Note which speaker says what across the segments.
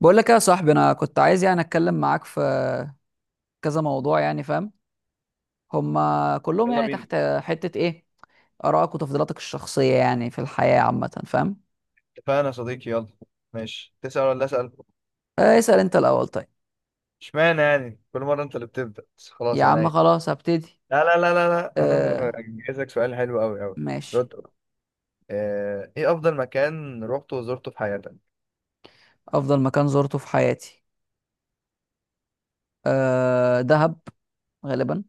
Speaker 1: بقول لك يا صاحبي، انا كنت عايز اتكلم معاك في كذا موضوع، يعني فاهم؟ هما كلهم
Speaker 2: يلا
Speaker 1: يعني
Speaker 2: بينا.
Speaker 1: تحت حتة ايه؟ ارائك وتفضيلاتك الشخصية يعني في الحياة عامة، فاهم؟
Speaker 2: اتفقنا يا صديقي، يلا ماشي. تسأل ولا أسأل؟
Speaker 1: اسأل انت الاول، طيب.
Speaker 2: اشمعنى يعني كل مرة أنت اللي بتبدأ؟ بس
Speaker 1: يا
Speaker 2: خلاص
Speaker 1: عم
Speaker 2: أنا.
Speaker 1: خلاص هبتدي.
Speaker 2: لا لا لا لا لا، أنا
Speaker 1: آه،
Speaker 2: جايزك سؤال حلو أوي أوي.
Speaker 1: ماشي.
Speaker 2: رد. إيه أفضل مكان روحته وزرته في حياتك؟
Speaker 1: افضل مكان زرته في حياتي آه دهب غالبا.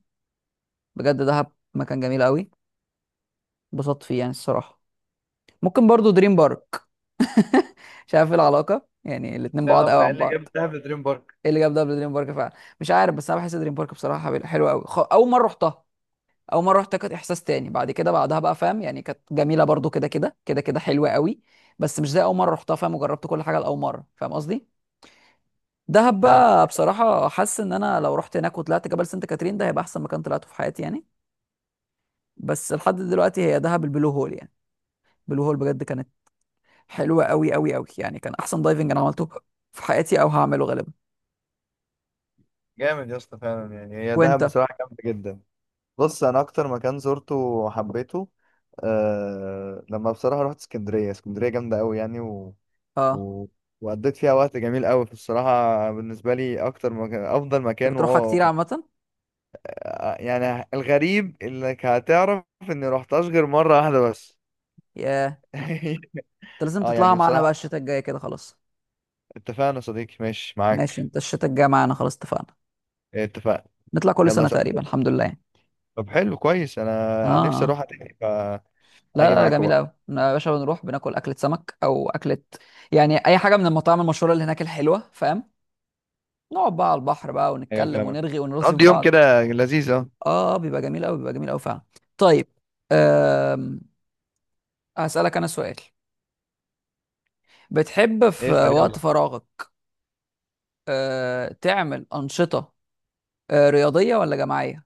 Speaker 1: بجد دهب مكان جميل قوي، اتبسطت فيه يعني الصراحة. ممكن برضو دريم بارك. مش عارف ايه العلاقة، يعني الاتنين
Speaker 2: ده
Speaker 1: بعاد
Speaker 2: لو
Speaker 1: قوي
Speaker 2: قال
Speaker 1: عن
Speaker 2: لي جاب
Speaker 1: بعض.
Speaker 2: دهب دريم بارك.
Speaker 1: ايه اللي جاب دبل دريم بارك فعلا؟ مش عارف، بس انا بحس دريم بارك بصراحه حلوه قوي. اول مره رحتها، اول مره رحتها كانت احساس تاني. بعد كده بعدها بقى فاهم يعني كانت جميله برضو كده كده كده كده، حلوه قوي. بس مش زي اول مره رحتها، فاهم؟ وجربت كل حاجه لاول مره، فاهم قصدي. دهب
Speaker 2: فاهمك.
Speaker 1: بقى بصراحه حاسس ان انا لو رحت هناك وطلعت جبل سانت كاترين، ده هيبقى احسن مكان طلعته في حياتي يعني. بس لحد دلوقتي هي دهب، البلو هول يعني. البلو هول بجد كانت حلوه قوي قوي قوي، يعني كان احسن دايفنج انا عملته في حياتي او هعمله غالبا.
Speaker 2: جامد يا اسطى فعلا، يعني هي
Speaker 1: وانت؟
Speaker 2: دهب بصراحة جامدة جدا. بص، أنا أكتر مكان زرته وحبيته، أه لما بصراحة رحت اسكندرية. اسكندرية جامدة أوي يعني. و...
Speaker 1: اه،
Speaker 2: وقضيت فيها وقت جميل قوي، في الصراحة بالنسبة لي أكتر مكان، أفضل
Speaker 1: انت
Speaker 2: مكان.
Speaker 1: بتروحها كتير عامه؟
Speaker 2: يعني الغريب إنك هتعرف إني روحتهاش غير مرة واحدة بس.
Speaker 1: ياه. انت لازم
Speaker 2: أه يعني
Speaker 1: تطلعها معانا بقى
Speaker 2: بصراحة،
Speaker 1: الشتاء الجاي كده، خلاص.
Speaker 2: اتفقنا يا صديقي ماشي
Speaker 1: ماشي،
Speaker 2: معاك.
Speaker 1: انت الشتاء الجاي معانا، خلاص اتفقنا.
Speaker 2: اتفقنا.
Speaker 1: نطلع كل
Speaker 2: يلا
Speaker 1: سنة تقريبا،
Speaker 2: سأل.
Speaker 1: الحمد لله يعني.
Speaker 2: طب حلو كويس.
Speaker 1: اه،
Speaker 2: أنا نفسي
Speaker 1: اه.
Speaker 2: أروح تاني
Speaker 1: لا
Speaker 2: فأجي
Speaker 1: لا،
Speaker 2: معاكم
Speaker 1: جميلة
Speaker 2: بقى.
Speaker 1: قوي يا باشا. بنروح بناكل أكلة سمك أو أكلة يعني أي حاجة من المطاعم المشهورة اللي هناك الحلوة، فاهم؟ نقعد بقى على البحر بقى
Speaker 2: أيوة،
Speaker 1: ونتكلم،
Speaker 2: فاهمك.
Speaker 1: ونرغي ونرغي في
Speaker 2: قضي يوم
Speaker 1: بعض.
Speaker 2: كده لذيذ، أه.
Speaker 1: اه، بيبقى جميل قوي، بيبقى جميل قوي فعلا. طيب. أم... هسألك أنا سؤال. بتحب في
Speaker 2: اسأل
Speaker 1: وقت
Speaker 2: يلا.
Speaker 1: فراغك تعمل أنشطة رياضية ولا جماعية؟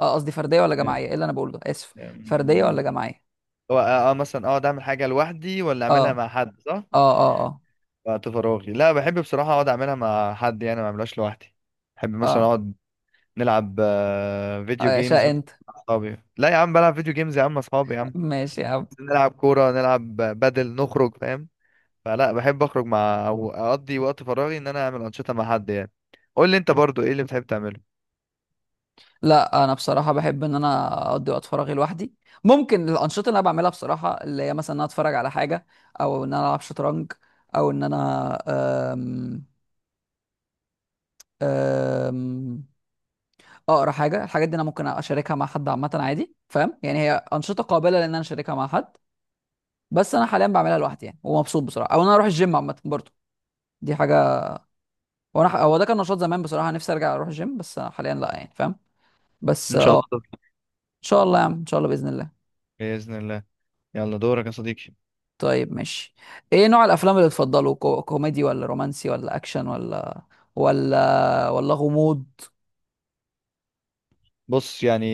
Speaker 1: اه قصدي فرديه ولا جماعيه، ايه اللي انا بقوله ده، اسف. فرديه ولا
Speaker 2: أمم،
Speaker 1: جماعيه؟
Speaker 2: هو أه آه، مثلا أقعد أعمل حاجة لوحدي ولا
Speaker 1: اه
Speaker 2: أعملها مع حد، صح؟
Speaker 1: اه اه اه
Speaker 2: وقت فراغي، لا بحب بصراحة أقعد أعملها مع حد، يعني ما أعملهاش لوحدي. بحب مثلا
Speaker 1: اه.
Speaker 2: أقعد نلعب فيديو جيمز
Speaker 1: شاء
Speaker 2: مع
Speaker 1: انت.
Speaker 2: أصحابي. لا يا عم، بلعب فيديو جيمز يا عم مع أصحابي يا عم.
Speaker 1: ماشي يا عم.
Speaker 2: نلعب كورة نلعب بدل نخرج، فاهم. فلا بحب أخرج مع، أو أقضي وقت فراغي إن أنا أعمل أنشطة مع حد يعني. قول لي أنت برضو إيه اللي بتحب تعمله؟
Speaker 1: لا انا بصراحه بحب ان انا اقضي وقت فراغي لوحدي. ممكن الانشطه اللي انا بعملها بصراحه، اللي هي مثلا ان انا اتفرج على حاجه، او ان انا العب شطرنج، او ان انا أم أم اقرا حاجه. الحاجات دي انا ممكن اشاركها مع حد عامه عادي، فاهم يعني؟ هي انشطه قابله لان انا اشاركها مع حد، بس انا حاليا بعملها لوحدي يعني ومبسوط بصراحه. او ان انا اروح الجيم عامه برضه، دي حاجه. هو ده كان نشاط زمان بصراحه، نفسي ارجع اروح الجيم، بس حاليا لا يعني، فاهم؟ بس
Speaker 2: إن شاء
Speaker 1: اه ان
Speaker 2: الله دور.
Speaker 1: شاء الله يا عم، ان شاء الله باذن الله.
Speaker 2: بإذن الله. يلا دورك يا صديقي.
Speaker 1: طيب ماشي. ايه نوع الافلام اللي تفضله؟ كوميدي ولا رومانسي ولا اكشن ولا غموض؟
Speaker 2: بص يعني،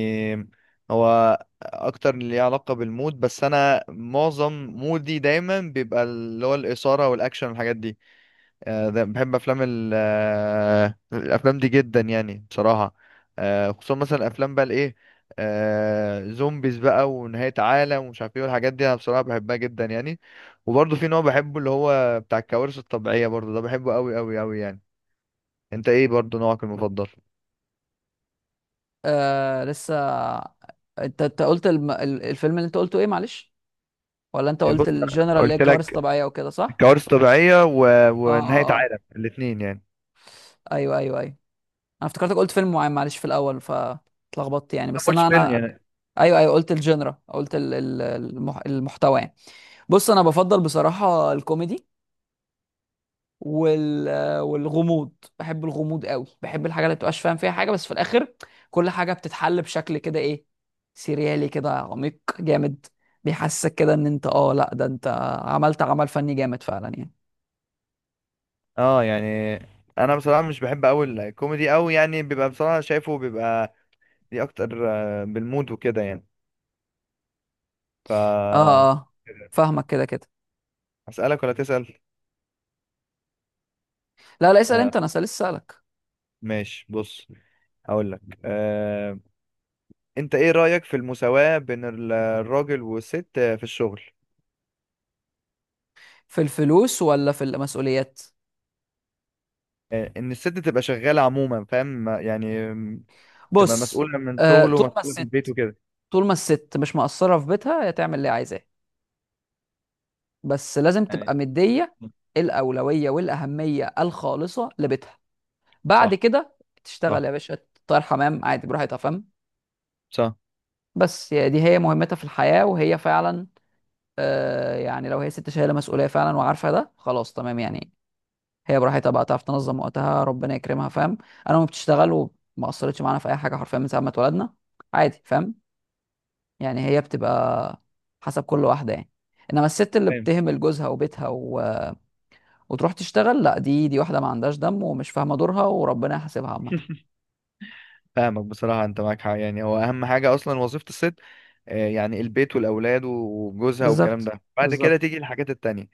Speaker 2: هو اكتر اللي ليه علاقة بالمود، بس انا معظم مودي دايما بيبقى اللي هو الإثارة والاكشن والحاجات دي. بحب افلام الافلام دي جدا يعني بصراحة. خصوصا مثلا افلام بقى الايه آه، زومبيز بقى ونهاية عالم ومش عارف ايه والحاجات دي، انا بصراحة بحبها جدا يعني. وبرضه في نوع بحبه اللي هو بتاع الكوارث الطبيعية، برضه ده بحبه قوي قوي قوي يعني. انت ايه برضه نوعك المفضل؟
Speaker 1: آه لسه. انت انت قلت الفيلم اللي انت قلته ايه، معلش؟ ولا انت
Speaker 2: بص،
Speaker 1: قلت
Speaker 2: أنا
Speaker 1: الجنرال اللي هي
Speaker 2: قلت
Speaker 1: كوارث
Speaker 2: لك
Speaker 1: طبيعيه وكده، صح؟
Speaker 2: كوارث طبيعية و...
Speaker 1: اه
Speaker 2: ونهاية
Speaker 1: اه آه.
Speaker 2: عالم الاتنين يعني.
Speaker 1: ايوه ايوه ايوه. انا افتكرتك قلت فيلم معين معلش في الاول، فاتلخبطت يعني.
Speaker 2: ما
Speaker 1: بس
Speaker 2: قلتش
Speaker 1: انا
Speaker 2: فيلم
Speaker 1: انا
Speaker 2: يعني.
Speaker 1: ايوه ايوه، قلت الجنرا، قلت المحتوى يعني. بص انا بفضل بصراحه الكوميدي وال... والغموض. بحب الغموض قوي، بحب الحاجه اللي بتبقاش فاهم فيها حاجه، بس في الاخر كل حاجه بتتحل بشكل كده ايه، سيريالي كده، عميق جامد، بيحسسك كده ان انت اه لا ده انت عملت عمل فني جامد فعلا يعني.
Speaker 2: اه يعني، انا بصراحة مش بحب اوي الكوميدي اوي يعني، بيبقى بصراحة شايفه بيبقى ليه اكتر بالمود وكده يعني. ف
Speaker 1: اه اه آه. فاهمك كده كده.
Speaker 2: اسألك ولا تسأل؟
Speaker 1: لا لا، اسال
Speaker 2: آه،
Speaker 1: انت، انا لسه اسالك.
Speaker 2: ماشي بص، هقول لك آه. انت ايه رأيك في المساواة بين الراجل والست في الشغل؟
Speaker 1: في الفلوس ولا في المسؤوليات؟
Speaker 2: آه، ان الست تبقى شغالة عموما فاهم، تبقى
Speaker 1: بص.
Speaker 2: مسؤولة من
Speaker 1: آه
Speaker 2: شغله
Speaker 1: طول ما
Speaker 2: ومسؤولة في البيت
Speaker 1: الست،
Speaker 2: وكده.
Speaker 1: طول ما الست مش مقصره في بيتها، هي تعمل اللي عايزاه، بس لازم
Speaker 2: يعني.
Speaker 1: تبقى مدية الأولوية والأهمية الخالصة لبيتها. بعد
Speaker 2: صح.
Speaker 1: كده تشتغل
Speaker 2: صح.
Speaker 1: يا باشا، تطير حمام عادي براحتها، فاهم؟
Speaker 2: صح.
Speaker 1: بس يا دي هي مهمتها في الحياة، وهي فعلا آه يعني لو هي ست شايلة مسؤولية فعلا وعارفة ده، خلاص تمام يعني. هي براحتها بقى، تعرف تنظم وقتها، ربنا يكرمها، فاهم؟ أنا ما بتشتغل وما أثرتش معانا في أي حاجة حرفيا من ساعة ما اتولدنا، عادي، فاهم؟ يعني هي بتبقى حسب كل واحدة يعني. إنما الست اللي
Speaker 2: فاهم.
Speaker 1: بتهمل جوزها وبيتها وتروح تشتغل، لا دي، دي واحده ما عندهاش دم ومش فاهمه دورها، وربنا يحاسبها عامه.
Speaker 2: فاهمك بصراحة، أنت معاك حق يعني، هو أهم حاجة أصلا وظيفة الست، يعني البيت والأولاد وجوزها والكلام
Speaker 1: بالظبط،
Speaker 2: ده، بعد كده
Speaker 1: بالظبط،
Speaker 2: تيجي الحاجات التانية.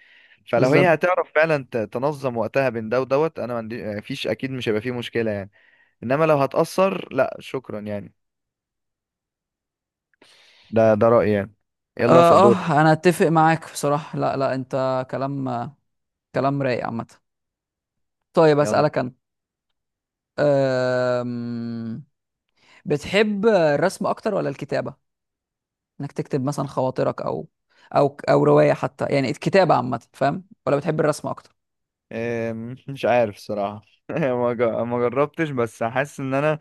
Speaker 2: فلو هي
Speaker 1: بالظبط.
Speaker 2: هتعرف فعلا تنظم وقتها بين ده ودوت، أنا ما عندي فيش، أكيد مش هيبقى فيه مشكلة يعني. إنما لو هتأثر لا شكرا يعني. ده رأيي يعني. يلا اسأل
Speaker 1: اه
Speaker 2: دور.
Speaker 1: اه، انا اتفق معاك بصراحه. لا لا انت كلام، كلام رايق عامه. طيب
Speaker 2: يلا.
Speaker 1: اسالك انا. أم... بتحب الرسم اكتر ولا الكتابه؟ انك تكتب مثلا خواطرك، او او روايه حتى، يعني الكتابه عامه، فاهم، ولا بتحب الرسم اكتر؟
Speaker 2: مش عارف الصراحة. ما جربتش بس حاسس إن أنا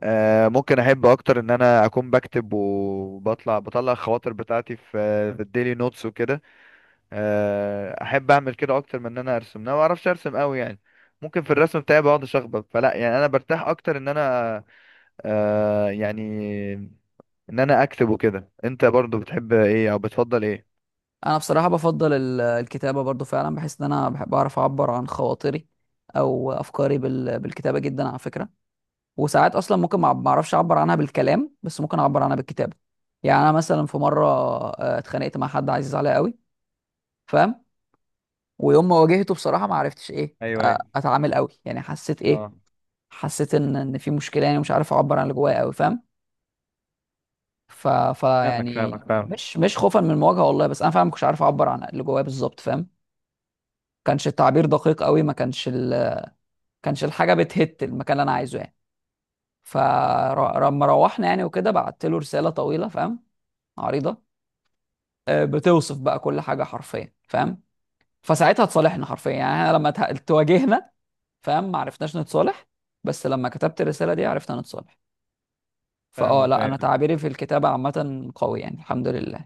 Speaker 2: ممكن احب اكتر ان انا اكون بكتب وبطلع الخواطر بتاعتي في الديلي نوتس وكده. احب اعمل كده اكتر من ان انا ارسم. انا ما بعرفش ارسم قوي يعني. ممكن في الرسم بتاعي بقعد اشخبط، فلا يعني انا برتاح اكتر آه، يعني ان انا اكتب وكده. انت برضو بتحب ايه او بتفضل ايه؟
Speaker 1: انا بصراحه بفضل الكتابه برضو فعلا، بحس ان انا بحب اعرف اعبر عن خواطري او افكاري بالكتابه جدا على فكره. وساعات اصلا ممكن ما اعرفش اعبر عنها بالكلام، بس ممكن اعبر عنها بالكتابه. يعني انا مثلا في مره اتخانقت مع حد عزيز عليا قوي، فاهم؟ ويوم ما واجهته بصراحه ما عرفتش ايه
Speaker 2: ايوه، ايوه،
Speaker 1: اتعامل قوي يعني، حسيت ايه،
Speaker 2: اه.
Speaker 1: حسيت ان في مشكله، يعني مش عارف اعبر عن اللي جوايا قوي، فاهم؟ ف... ف
Speaker 2: فاهمك
Speaker 1: يعني
Speaker 2: فاهمك فاهمك.
Speaker 1: مش خوفا من المواجهه والله، بس انا فعلا ما كنتش عارف اعبر عن اللي جوايا بالظبط، فاهم؟ كانش التعبير دقيق قوي، ما كانش كانش الحاجه بتهت المكان اللي انا عايزه يعني. فلما روحنا يعني وكده، بعت له رساله طويله، فاهم، عريضه، بتوصف بقى كل حاجه حرفيا، فاهم؟ فساعتها اتصالحنا حرفيا يعني. احنا لما تواجهنا، فاهم، ما عرفناش نتصالح، بس لما كتبت الرساله دي عرفنا نتصالح. فاه
Speaker 2: فاهمك،
Speaker 1: لا انا
Speaker 2: ايوه.
Speaker 1: تعبيري في الكتابه عامه قوي يعني، الحمد لله.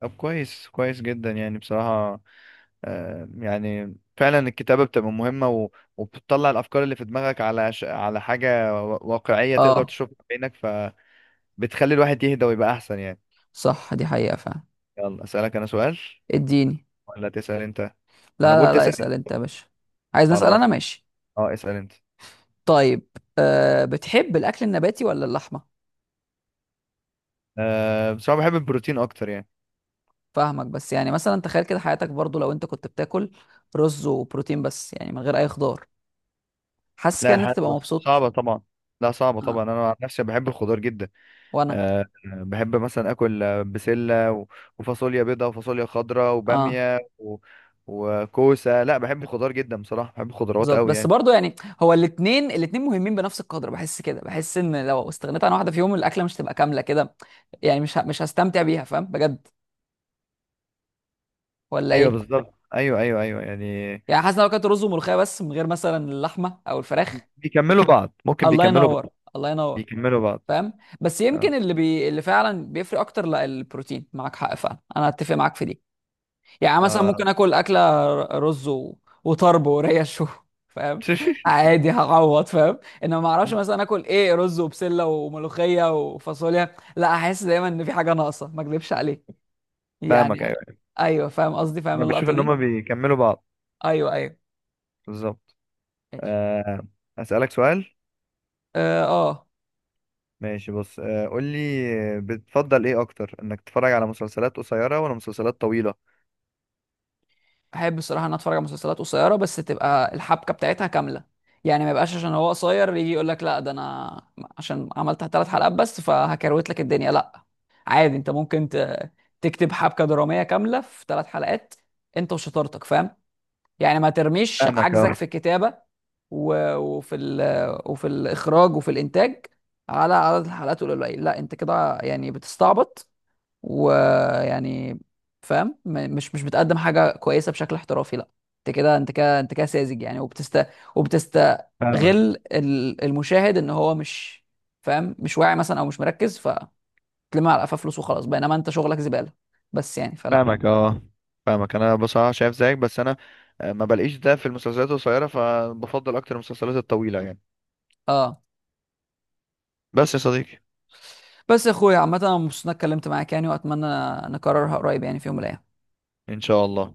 Speaker 2: طب كويس كويس جدا يعني بصراحة. يعني فعلا الكتابة بتبقى مهمة وبتطلع الأفكار اللي في دماغك على على حاجة واقعية تقدر
Speaker 1: اه.
Speaker 2: تشوفها بعينك. فبتخلي الواحد يهدى ويبقى أحسن يعني.
Speaker 1: صح، دي حقيقه فعلا.
Speaker 2: يلا أسألك أنا سؤال،
Speaker 1: اديني.
Speaker 2: ولا تسأل أنت؟ أنا
Speaker 1: لا
Speaker 2: بقول
Speaker 1: لا لا،
Speaker 2: تسأل
Speaker 1: اسال
Speaker 2: أنت.
Speaker 1: انت يا باشا. عايز نسال
Speaker 2: خلاص،
Speaker 1: انا، ماشي.
Speaker 2: أه، اسأل أنت.
Speaker 1: طيب. أه بتحب الاكل النباتي ولا اللحمه؟
Speaker 2: أه، بس أنا بحب البروتين أكتر يعني.
Speaker 1: فاهمك، بس يعني مثلا تخيل كده حياتك برضو لو انت كنت بتاكل رز وبروتين بس، يعني من غير اي خضار، حاسس
Speaker 2: لا،
Speaker 1: كده ان انت
Speaker 2: الحاجات
Speaker 1: تبقى
Speaker 2: بس
Speaker 1: مبسوط؟
Speaker 2: صعبة طبعا. لا، صعبة طبعا،
Speaker 1: اه،
Speaker 2: أنا عن نفسي بحب الخضار جدا.
Speaker 1: وانا.
Speaker 2: بحب مثلا اكل بسله و- وفاصوليا بيضاء وفاصوليا خضراء
Speaker 1: اه
Speaker 2: وباميه و... وكوسه. لا بحب الخضار جدا بصراحه، بحب الخضروات
Speaker 1: بالظبط،
Speaker 2: قوي
Speaker 1: بس
Speaker 2: يعني.
Speaker 1: برضو يعني هو الاتنين، الاتنين مهمين بنفس القدر. بحس كده، بحس ان لو استغنيت عن واحده فيهم الاكله مش تبقى كامله كده يعني. مش هستمتع بيها، فاهم بجد؟ ولا
Speaker 2: ايوه
Speaker 1: ايه؟
Speaker 2: بالظبط، ايوه ايوه ايوه يعني.
Speaker 1: يعني حاسس إن لو كانت رز وملوخيه بس من غير مثلا اللحمه او الفراخ.
Speaker 2: بيكملوا بعض، ممكن
Speaker 1: الله
Speaker 2: بيكملوا
Speaker 1: ينور،
Speaker 2: بعض.
Speaker 1: الله ينور.
Speaker 2: بيكملوا بعض.
Speaker 1: فاهم. بس يمكن
Speaker 2: اه.
Speaker 1: اللي فعلا بيفرق اكتر لا البروتين، معاك حق فعلا، انا اتفق معاك في دي. يعني مثلا ممكن
Speaker 2: آه.
Speaker 1: اكل اكله رز وطرب وريش فاهم. عادي، هعوض، فاهم. انما ما اعرفش مثلا اكل ايه، رز وبسله وملوخيه وفاصوليا، لا احس دايما ان في حاجه ناقصه، ما اكذبش عليك يعني.
Speaker 2: فاهمك، ايوه، أيوة.
Speaker 1: ايوه فاهم قصدي، فاهم
Speaker 2: انا بشوف
Speaker 1: اللقطه
Speaker 2: ان
Speaker 1: دي.
Speaker 2: هما بيكملوا بعض.
Speaker 1: ايوه ايوه.
Speaker 2: بالظبط.
Speaker 1: ماشي.
Speaker 2: آه. اسالك سؤال.
Speaker 1: اه آه.
Speaker 2: ماشي بص، قول لي، بتفضل ايه اكتر، انك تتفرج على مسلسلات قصيره ولا مسلسلات طويله؟
Speaker 1: احب الصراحه ان أنا اتفرج على مسلسلات قصيره، بس تبقى الحبكه بتاعتها كامله. يعني ما يبقاش عشان هو قصير يجي يقول لك لا ده انا عشان عملت 3 حلقات بس فهكروت لك الدنيا، لا. عادي انت ممكن تكتب حبكه دراميه كامله في 3 حلقات، انت وشطارتك، فاهم؟ يعني ما ترميش
Speaker 2: فاهمك،
Speaker 1: عجزك
Speaker 2: اه.
Speaker 1: في الكتابه وفي الاخراج وفي الانتاج على عدد الحلقات القليل. لا انت كده يعني بتستعبط ويعني، فاهم؟ مش بتقدم حاجه كويسه بشكل احترافي، لا. انت كده، انت كده، انت كده ساذج يعني، وبتستغل
Speaker 2: فاهمك.
Speaker 1: المشاهد ان هو مش فاهم، مش واعي مثلا او مش مركز، فتلم على قفاه فلوس وخلاص، بينما انت شغلك زباله بس يعني. فلا.
Speaker 2: فاهمك، اه. فاهمك، انا بصراحه شايف زيك، بس انا ما بلاقيش ده في المسلسلات القصيره فبفضل اكتر المسلسلات الطويله يعني.
Speaker 1: اه.
Speaker 2: بس يا صديقي،
Speaker 1: بس يا اخويا عامه انا مبسوط اني اتكلمت معاك يعني، واتمنى نكررها قريب يعني في يوم من الايام.
Speaker 2: ان شاء الله.